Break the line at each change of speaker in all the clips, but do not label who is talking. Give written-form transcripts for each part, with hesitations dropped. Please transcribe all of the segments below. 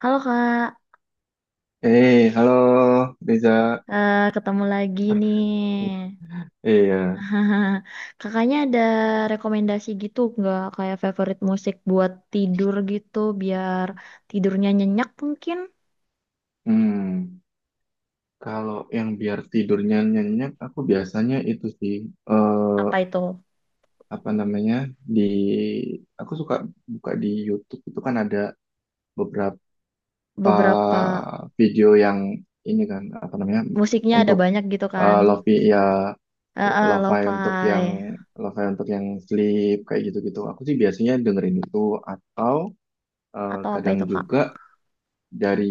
Halo Kak,
Halo Reza.
Ketemu lagi nih.
Iya.
Kakaknya ada rekomendasi gitu nggak kayak favorit musik buat tidur gitu biar tidurnya nyenyak mungkin?
Hmm, Kalau yang biar tidurnya nyenyak, aku biasanya itu sih, eh,
Apa itu?
apa namanya, di, aku suka buka di YouTube itu kan ada beberapa
Beberapa
video yang ini kan, apa namanya,
musiknya ada
untuk
banyak gitu kan?
eh, lofi ya, lo-fi untuk yang,
Lo-fi
lo-fi untuk yang sleep kayak gitu-gitu. Aku sih biasanya dengerin itu atau
atau apa
kadang
itu Kak?
juga dari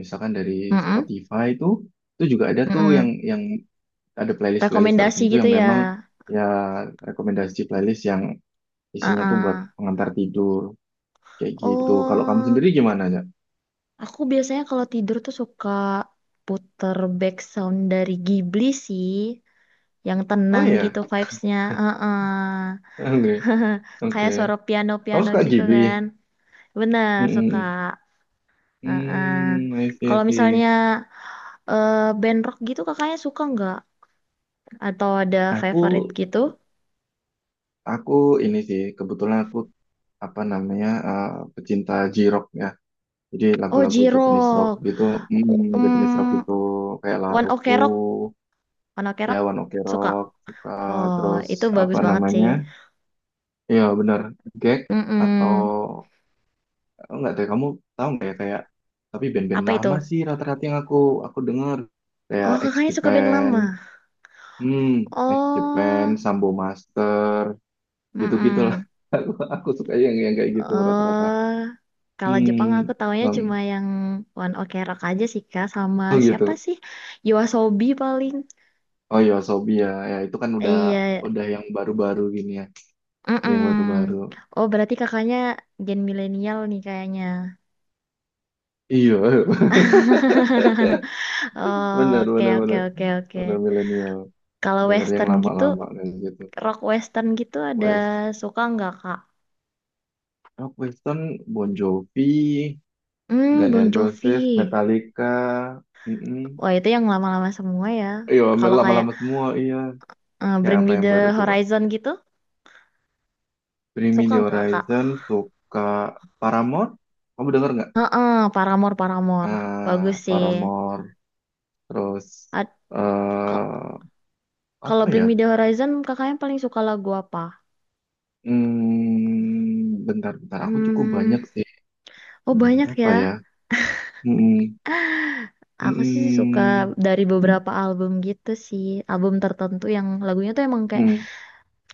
misalkan dari
Mm-mm,
Spotify itu juga ada tuh yang
mm-mm.
yang ada playlist-playlist
Rekomendasi
tertentu
gitu
yang
ya?
memang ya rekomendasi playlist yang
Eh,
isinya tuh buat
eh.
pengantar tidur kayak gitu. Kalau kamu
Oh,
sendiri gimana ya?
aku biasanya kalau tidur tuh suka puter back sound dari Ghibli sih, yang
Oh
tenang
iya,
gitu vibes-nya. Heeh.
oke
Kayak
oke.
suara
Kamu
piano-piano
suka
gitu
Ghibli?
kan. Benar, suka.
Mm-mm.
Heeh.
I see, I
Kalau misalnya
see.
band rock gitu kakaknya suka nggak? Atau ada
Aku
favorite gitu?
aku ini sih kebetulan aku apa namanya, pecinta J-Rock ya. Jadi
Oh,
lagu-lagu Japanese rock
J-Rock.
gitu, Japanese rock
Um,
itu kayak
One Ok
Laruku,
Rock. One Ok
ya
Rock
One Ok
suka.
Rock, suka.
Oh,
Terus
itu bagus
apa
banget sih.
namanya? Iya benar, Gek atau
Mm-mm.
oh, enggak deh. Kamu tahu nggak ya kayak tapi band-band
Apa itu?
lama sih rata-rata yang aku dengar kayak
Oh,
X
kakaknya suka band
Japan,
lama.
hmm, X Japan,
Oh,
Sambo Master, gitu-gitu lah.
mm.
Aku suka yang kayak gitu rata-rata.
Oh, kalau Jepang aku
Hmm,
taunya cuma
um,
yang One Ok Rock aja sih Kak, sama
oh
siapa
gitu.
sih? Yoasobi paling.
Oh iya, Sobi ya. Ya itu kan udah
Iya,
udah yang baru-baru gini ya. Udah
mm.
yang baru-baru.
Oh, berarti kakaknya gen milenial nih kayaknya.
Iya, benar
Oke,
benar
oke,
benar.
oke, oke.
Benar milenial.
Kalau
Dengar yang
western gitu,
lama-lama kayak gitu.
rock western gitu ada
West,
suka nggak Kak?
Rock Weston, Bon Jovi,
Hmm,
Guns
Bon
N' Roses,
Jovi.
Metallica. mm
Wah, itu yang lama-lama semua ya.
Iya,
Kalau kayak
lama-lama semua iya. Kayak
Bring
apa
Me
yang baru
the
coba?
Horizon gitu,
Bring Me
suka
The
nggak Kak?
Horizon, suka. Paramore. Kamu denger nggak?
Ah, Paramore, Paramore. Bagus
Ah,
sih.
Paramore. Terus
Ad- ke-
eh
Kalau
apa
Bring
ya?
Me The Horizon, kakaknya paling suka lagu apa?
Bentar, bentar. Aku cukup
Hmm,
banyak sih.
oh banyak ya.
Apa ya? Hmm,
Aku sih suka
hmm,
dari beberapa album gitu sih. Album tertentu yang lagunya tuh emang kayak
hmm, hmm.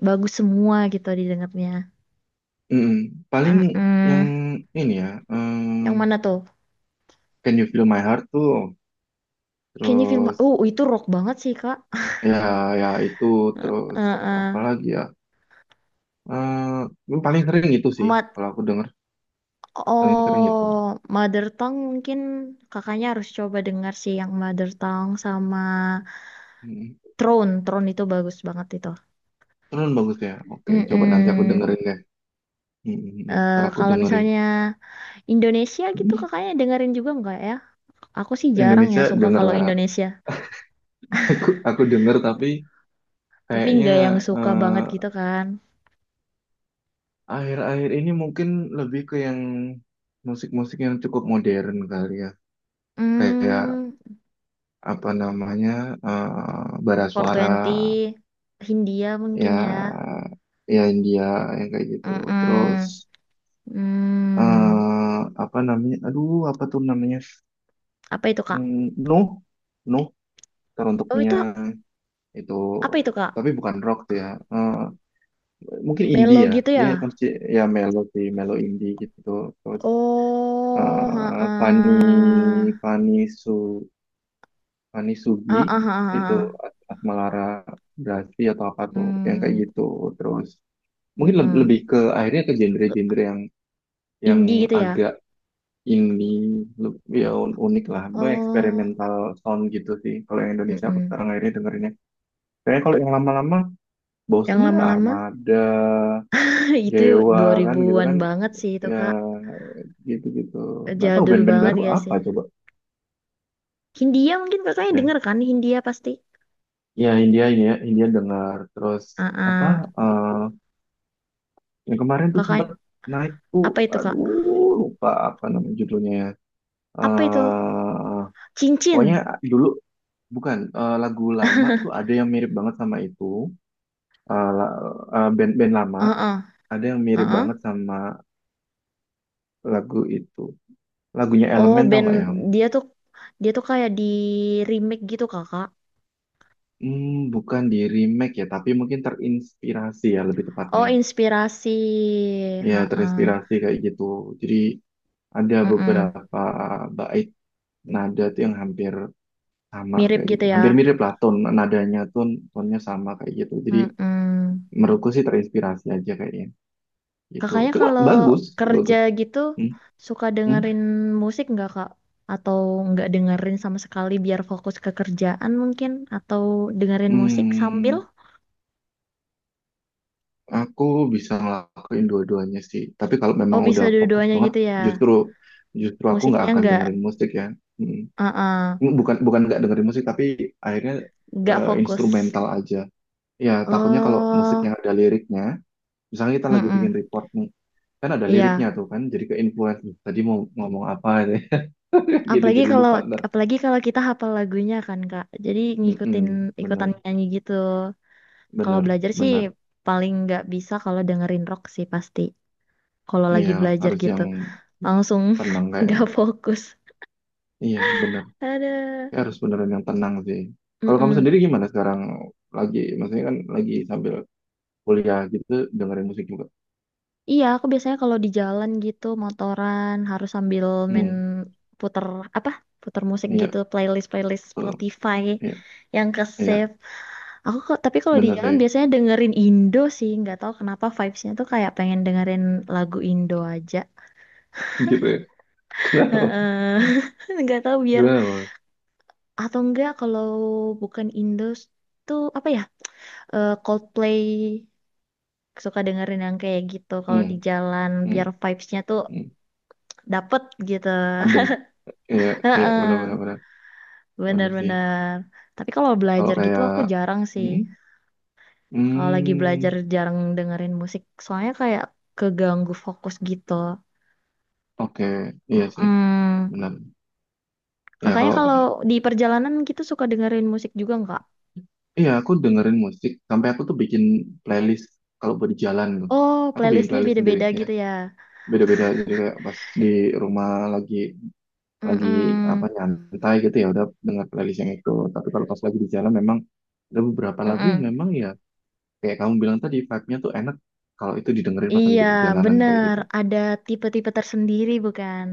bagus semua gitu didengarnya.
hmm. Paling yang
Mm-mm.
ini ya.
Yang mana tuh?
Can You Feel My Heart tuh.
Can You Feel My...
Terus
Oh, itu rock banget sih, Kak.
ya, ya itu. Terus apa
Heeh.
lagi ya? Paling sering itu sih.
Mat-
Kalau aku denger, paling sering itu.
Oh, Mother Tongue mungkin kakaknya harus coba dengar sih yang Mother Tongue sama
Hmm.
Throne, Throne itu bagus banget itu.
Terus bagus ya. Oke, coba nanti aku
Mm-mm.
dengerin deh. Hmm.
Eh
Ntar aku
kalau
dengerin.
misalnya Indonesia gitu kakaknya dengerin juga nggak ya? Aku sih jarang ya
Indonesia
suka
denger
kalau
lah.
Indonesia.
Aku denger tapi.
Tapi
Kayaknya
nggak yang suka
eh,
banget gitu kan.
akhir-akhir ini mungkin lebih ke yang musik-musik yang cukup modern kali ya. Kayak
Hmm,
apa namanya bara
four
suara,
Twenty Hindia mungkin
ya
ya.
ya India yang kayak gitu. Terus
Mm-mm. Hmm,
eh apa namanya? Aduh, apa tuh namanya?
apa itu kak?
Mm, Nuh, Nuh teruntuk
Oh itu
Mia itu,
apa itu kak?
tapi bukan rock tuh ya. Eh, mungkin
Melo
indie ya.
gitu ya?
Dia konsi- ya melo sih, melo indie gitu.
Oh,
Fani,
heeh.
Fani Su Fani Sugi
Heeh, heeh,
itu,
heeh.
Atmalara Brasi atau apa tuh yang kayak
Mm.
gitu. Terus mungkin
Mm-mm.
lebih ke akhirnya ke genre-genre yang
Indie gitu ya?
agak ini, lebih ya, unik lah Bah,
Oh,
eksperimental sound gitu sih kalau yang Indonesia aku
Mm-mm.
sekarang akhirnya dengerinnya. Kayaknya kalau yang lama-lama
Yang
bosen, ya
lama-lama
Armada
itu
Dewa kan gitu
2000-an
kan,
banget sih itu
ya
Kak.
gitu-gitu. Nggak tahu
Jadul
band-band
banget
baru
ya
apa
sih.
coba.
Hindia mungkin kakaknya denger kan? Hindia pasti.
Ya India ini, ya India dengar. Terus apa
Ah,
eh yang kemarin tuh sempat
Kakak
naik tuh,
apa itu Kak?
aduh lupa apa nama judulnya ya.
Apa itu?
eh Pokoknya
Cincin.
dulu bukan, lagu lama tuh ada yang mirip banget sama itu. eh la- Band band lama
Heeh,
ada yang mirip
heeh.
banget sama lagu itu, lagunya
Oh,
Elemen. Tau nggak ya kamu?
dia tuh dia tuh kayak di remake gitu Kakak.
Bukan di remake ya, tapi mungkin terinspirasi ya lebih tepatnya.
Oh, inspirasi.
Ya
Heeh.
terinspirasi kayak gitu. Jadi ada
mm.
beberapa bait nada tuh yang hampir sama
Mirip
kayak gitu.
gitu ya.
Hampir mirip lah ton nadanya tuh, tonnya sama kayak gitu. Jadi
Mm-mm.
menurutku sih terinspirasi aja kayaknya gitu.
Kakaknya
Cuma
kalau
bagus,
kerja
bagus.
gitu
Hmm,
suka
hmm.
dengerin musik nggak Kak? Atau nggak dengerin sama sekali biar fokus ke kerjaan mungkin? Atau dengerin musik sambil?
Hmm, aku bisa ngelakuin dua-duanya sih. Tapi kalau
Oh
memang
bisa
udah fokus
dua-duanya
banget,
gitu ya.
justru justru aku nggak
Musiknya
akan dengerin musik ya. Hmm.
uh
Bukan bukan nggak dengerin musik, tapi akhirnya
nggak fokus.
instrumental aja. Ya takutnya kalau musik
Oh,
yang ada liriknya misalnya kita lagi bikin
mm-mm.
report nih, kan ada liriknya
Iya.
tuh kan, jadi ke influence, "Duh, tadi mau ngomong apa itu ya?" Gitu,
Apalagi
jadi
kalau
lupa ntar.
apalagi kalau kita hafal lagunya kan Kak. Jadi ngikutin
Mm-mm,
ikutan
bener
nyanyi gitu. Kalau
bener
belajar sih
bener
paling nggak bisa kalau dengerin rock sih pasti. Kalau
nih
lagi
ya,
belajar
harus
gitu.
yang
Langsung
tenang kayaknya.
nggak fokus.
Iya bener.
Ada.
Kayak harus beneran yang tenang sih. Kalau kamu
Mm-mm.
sendiri gimana sekarang, lagi maksudnya kan lagi sambil kuliah gitu, dengerin musik juga.
Iya, aku biasanya kalau di jalan gitu motoran harus sambil main
hmm
puter apa? Puter musik
iya
gitu, playlist playlist
betul,
Spotify
iya,
yang ke
iya
save. Aku kok tapi kalau di
bener
jalan
sih,
biasanya dengerin Indo sih, nggak tahu kenapa vibesnya tuh kayak pengen dengerin lagu Indo aja.
gitu ya. Kenapa,
Heeh. Nggak tahu biar
kenapa.
atau enggak kalau bukan Indo tuh apa ya? Eh, Coldplay suka dengerin yang kayak gitu kalau di
hmm,
jalan
hmm,
biar vibes-nya tuh
hmm.
dapet gitu.
Adem, iya, iya benar benar
Heeh,
bener sih.
bener-bener. Tapi kalau
Kalau
belajar gitu
kayak,
aku jarang sih.
hmm,
Kalau lagi belajar
hmm,
jarang dengerin musik, soalnya kayak keganggu fokus gitu.
oke, iya sih,
Mm-mm.
benar. Ya
Kakaknya
kalau,
kalau di perjalanan gitu suka dengerin musik juga nggak?
iya aku dengerin musik sampai aku tuh bikin playlist kalau buat di jalan tuh.
Oh,
Aku bikin
playlistnya
playlist sendiri
beda-beda
ya,
gitu ya.
beda-beda. Jadi kayak pas di rumah lagi lagi apa
Mm-mm.
nyantai gitu, ya udah denger playlist yang itu. Tapi kalau pas lagi di jalan memang ada beberapa lagu yang
Mm-mm.
memang ya kayak kamu bilang tadi vibe-nya tuh enak kalau itu didengerin pas lagi
Iya,
di perjalanan kayak
bener.
gitu.
Ada tipe-tipe tersendiri bukan?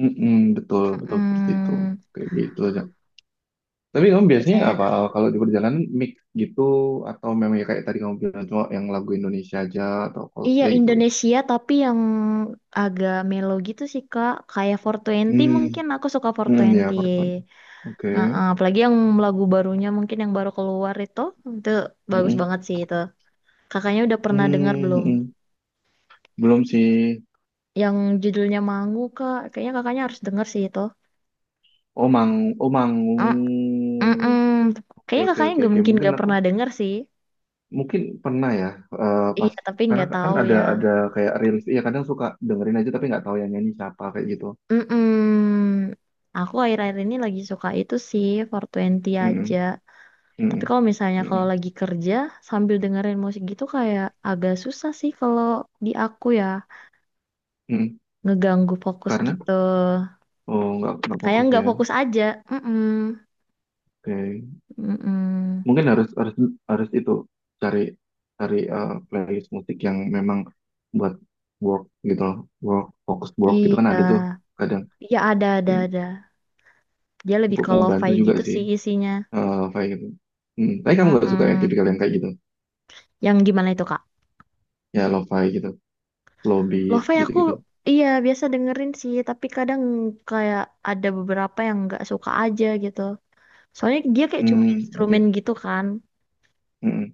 Mm-mm, betul, betul seperti itu.
Mm-mm.
Kayak gitu. Tapi kamu biasanya
Biasanya
apa, kalau di perjalanan mix gitu, atau memang ya kayak tadi kamu bilang cuma yang lagu Indonesia aja atau
iya
Coldplay gitu.
Indonesia tapi yang agak melo gitu sih Kak. Kayak four Twenty
Hmm,
mungkin aku suka
hmm, ya
420.
pertemuan. Oke.
Heeh, apalagi yang lagu barunya mungkin yang baru keluar itu bagus
Hmm,
banget sih itu. Kakaknya udah pernah dengar
hmm,
belum?
hmm. Belum sih.
Yang judulnya Mangu Kak. Kayaknya kakaknya harus dengar sih itu.
Oh Mang, oh Mangung.
Mm, mm, mm.
Oke
Kayaknya
oke
kakaknya
oke
nggak
oke.
mungkin
Mungkin
gak
aku
pernah dengar sih.
mungkin pernah ya, pas
Iya tapi
karena
nggak
kan
tahu ya.
ada kayak rilis, iya kadang suka dengerin aja tapi nggak tahu yang nyanyi siapa kayak gitu.
Mm, mm. Aku akhir-akhir ini lagi suka itu sih four Twenty aja.
Hmm, hmm, hmm,
Tapi kalau misalnya
hmm,
kalau
hmm.
lagi kerja sambil dengerin musik gitu kayak agak susah sih kalau di aku ya
hmm.
ngeganggu fokus
Karena
gitu.
oh nggak
Kayak
fokus
nggak
ya.
fokus aja. Mm-mm.
Oke.
Mm-mm.
Mungkin harus harus harus itu, cari cari eh, playlist musik yang memang buat work gitu loh, work fokus work gitu kan
Iya,
ada tuh, kadang
iya ada ada. Dia lebih
cukup
ke
membantu
lo-fi
juga
gitu
sih.
sih isinya.
Lo-fi gitu, hmm. tapi kamu gak suka ya
Mm-mm.
tipikal yang kayak gitu.
Yang gimana itu Kak?
Ya lo-fi gitu, slow beat
Lo-fi
gitu
aku
gitu.
iya biasa dengerin sih, tapi kadang kayak ada beberapa yang nggak suka aja gitu. Soalnya dia kayak cuma
hmm oke
instrumen gitu kan.
Hmm,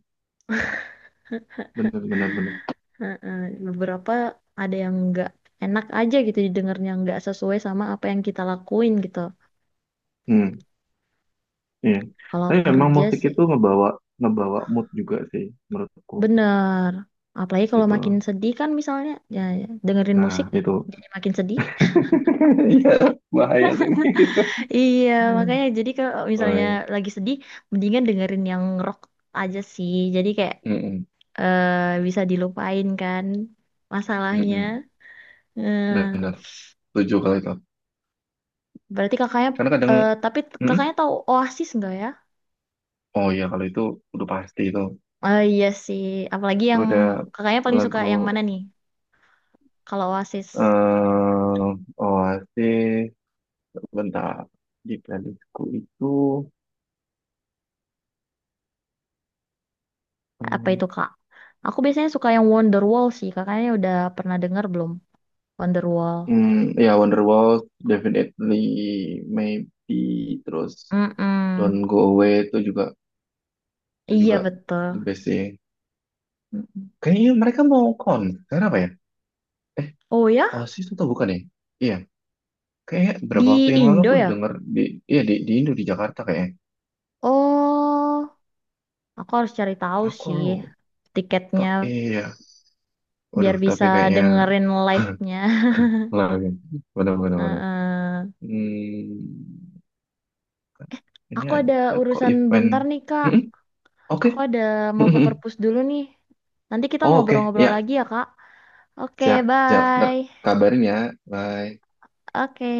bener bener bener.
Heeh, beberapa ada yang nggak enak aja gitu didengarnya nggak sesuai sama apa yang kita lakuin gitu.
hmm iya,
Kalau
tapi memang
kerja
musik
sih
itu ngebawa ngebawa mood juga sih menurutku
bener. Apalagi kalau makin
gitu.
sedih kan misalnya ya, dengerin musik
Nah itu,
jadi makin sedih.
iya, bahaya tuh. Gitu.
Iya makanya jadi kalau
Oh,
misalnya
iya.
lagi sedih mendingan dengerin yang rock aja sih. Jadi kayak
Mm-mm.
bisa dilupain kan masalahnya.
Mm-mm.
Eh,
Benar, setuju kalau itu.
berarti kakaknya
Karena kadang,
tapi
mm-mm,
kakaknya tahu Oasis nggak ya?
oh iya kalau itu udah pasti itu.
Oh iya sih, apalagi
Itu
yang
udah
kakaknya paling suka
lagu.
yang mana nih? Kalau Oasis,
Oasis, bentar. Di playlistku itu,
apa itu
mm,
kak? Aku biasanya suka yang Wonderwall sih, kakaknya udah pernah dengar belum? Wonderwall.
mm, ya Wonderwall, definitely, maybe, terus Don't
Mm-mm.
Go Away itu
Iya
juga
betul.
the best sih.
Mm-mm.
Kayaknya mereka mau konser apa ya? Eh,
Oh ya,
Oasis itu bukan ya? Iya, kayak berapa waktu
di
yang lalu
Indo
aku
ya?
denger di ya di Indo, di Jakarta kayaknya.
Oh, aku harus cari tahu
Aku
sih
lupa.
tiketnya
Iya.
biar
Waduh,
bisa
tapi kayaknya
dengerin live-nya.
lagi. Waduh, waduh, waduh.
Heeh.
Hmm, ini
Aku ada
ada kok
urusan
event.
bentar nih kak.
Mm-mm, oke.
Aku ada mau ke perpus dulu nih. Nanti kita
Oh, oke.
ngobrol-ngobrol
Ya,
lagi ya kak. Oke,
siap, siap. Ntar
bye.
kabarin ya. Bye.
Oke.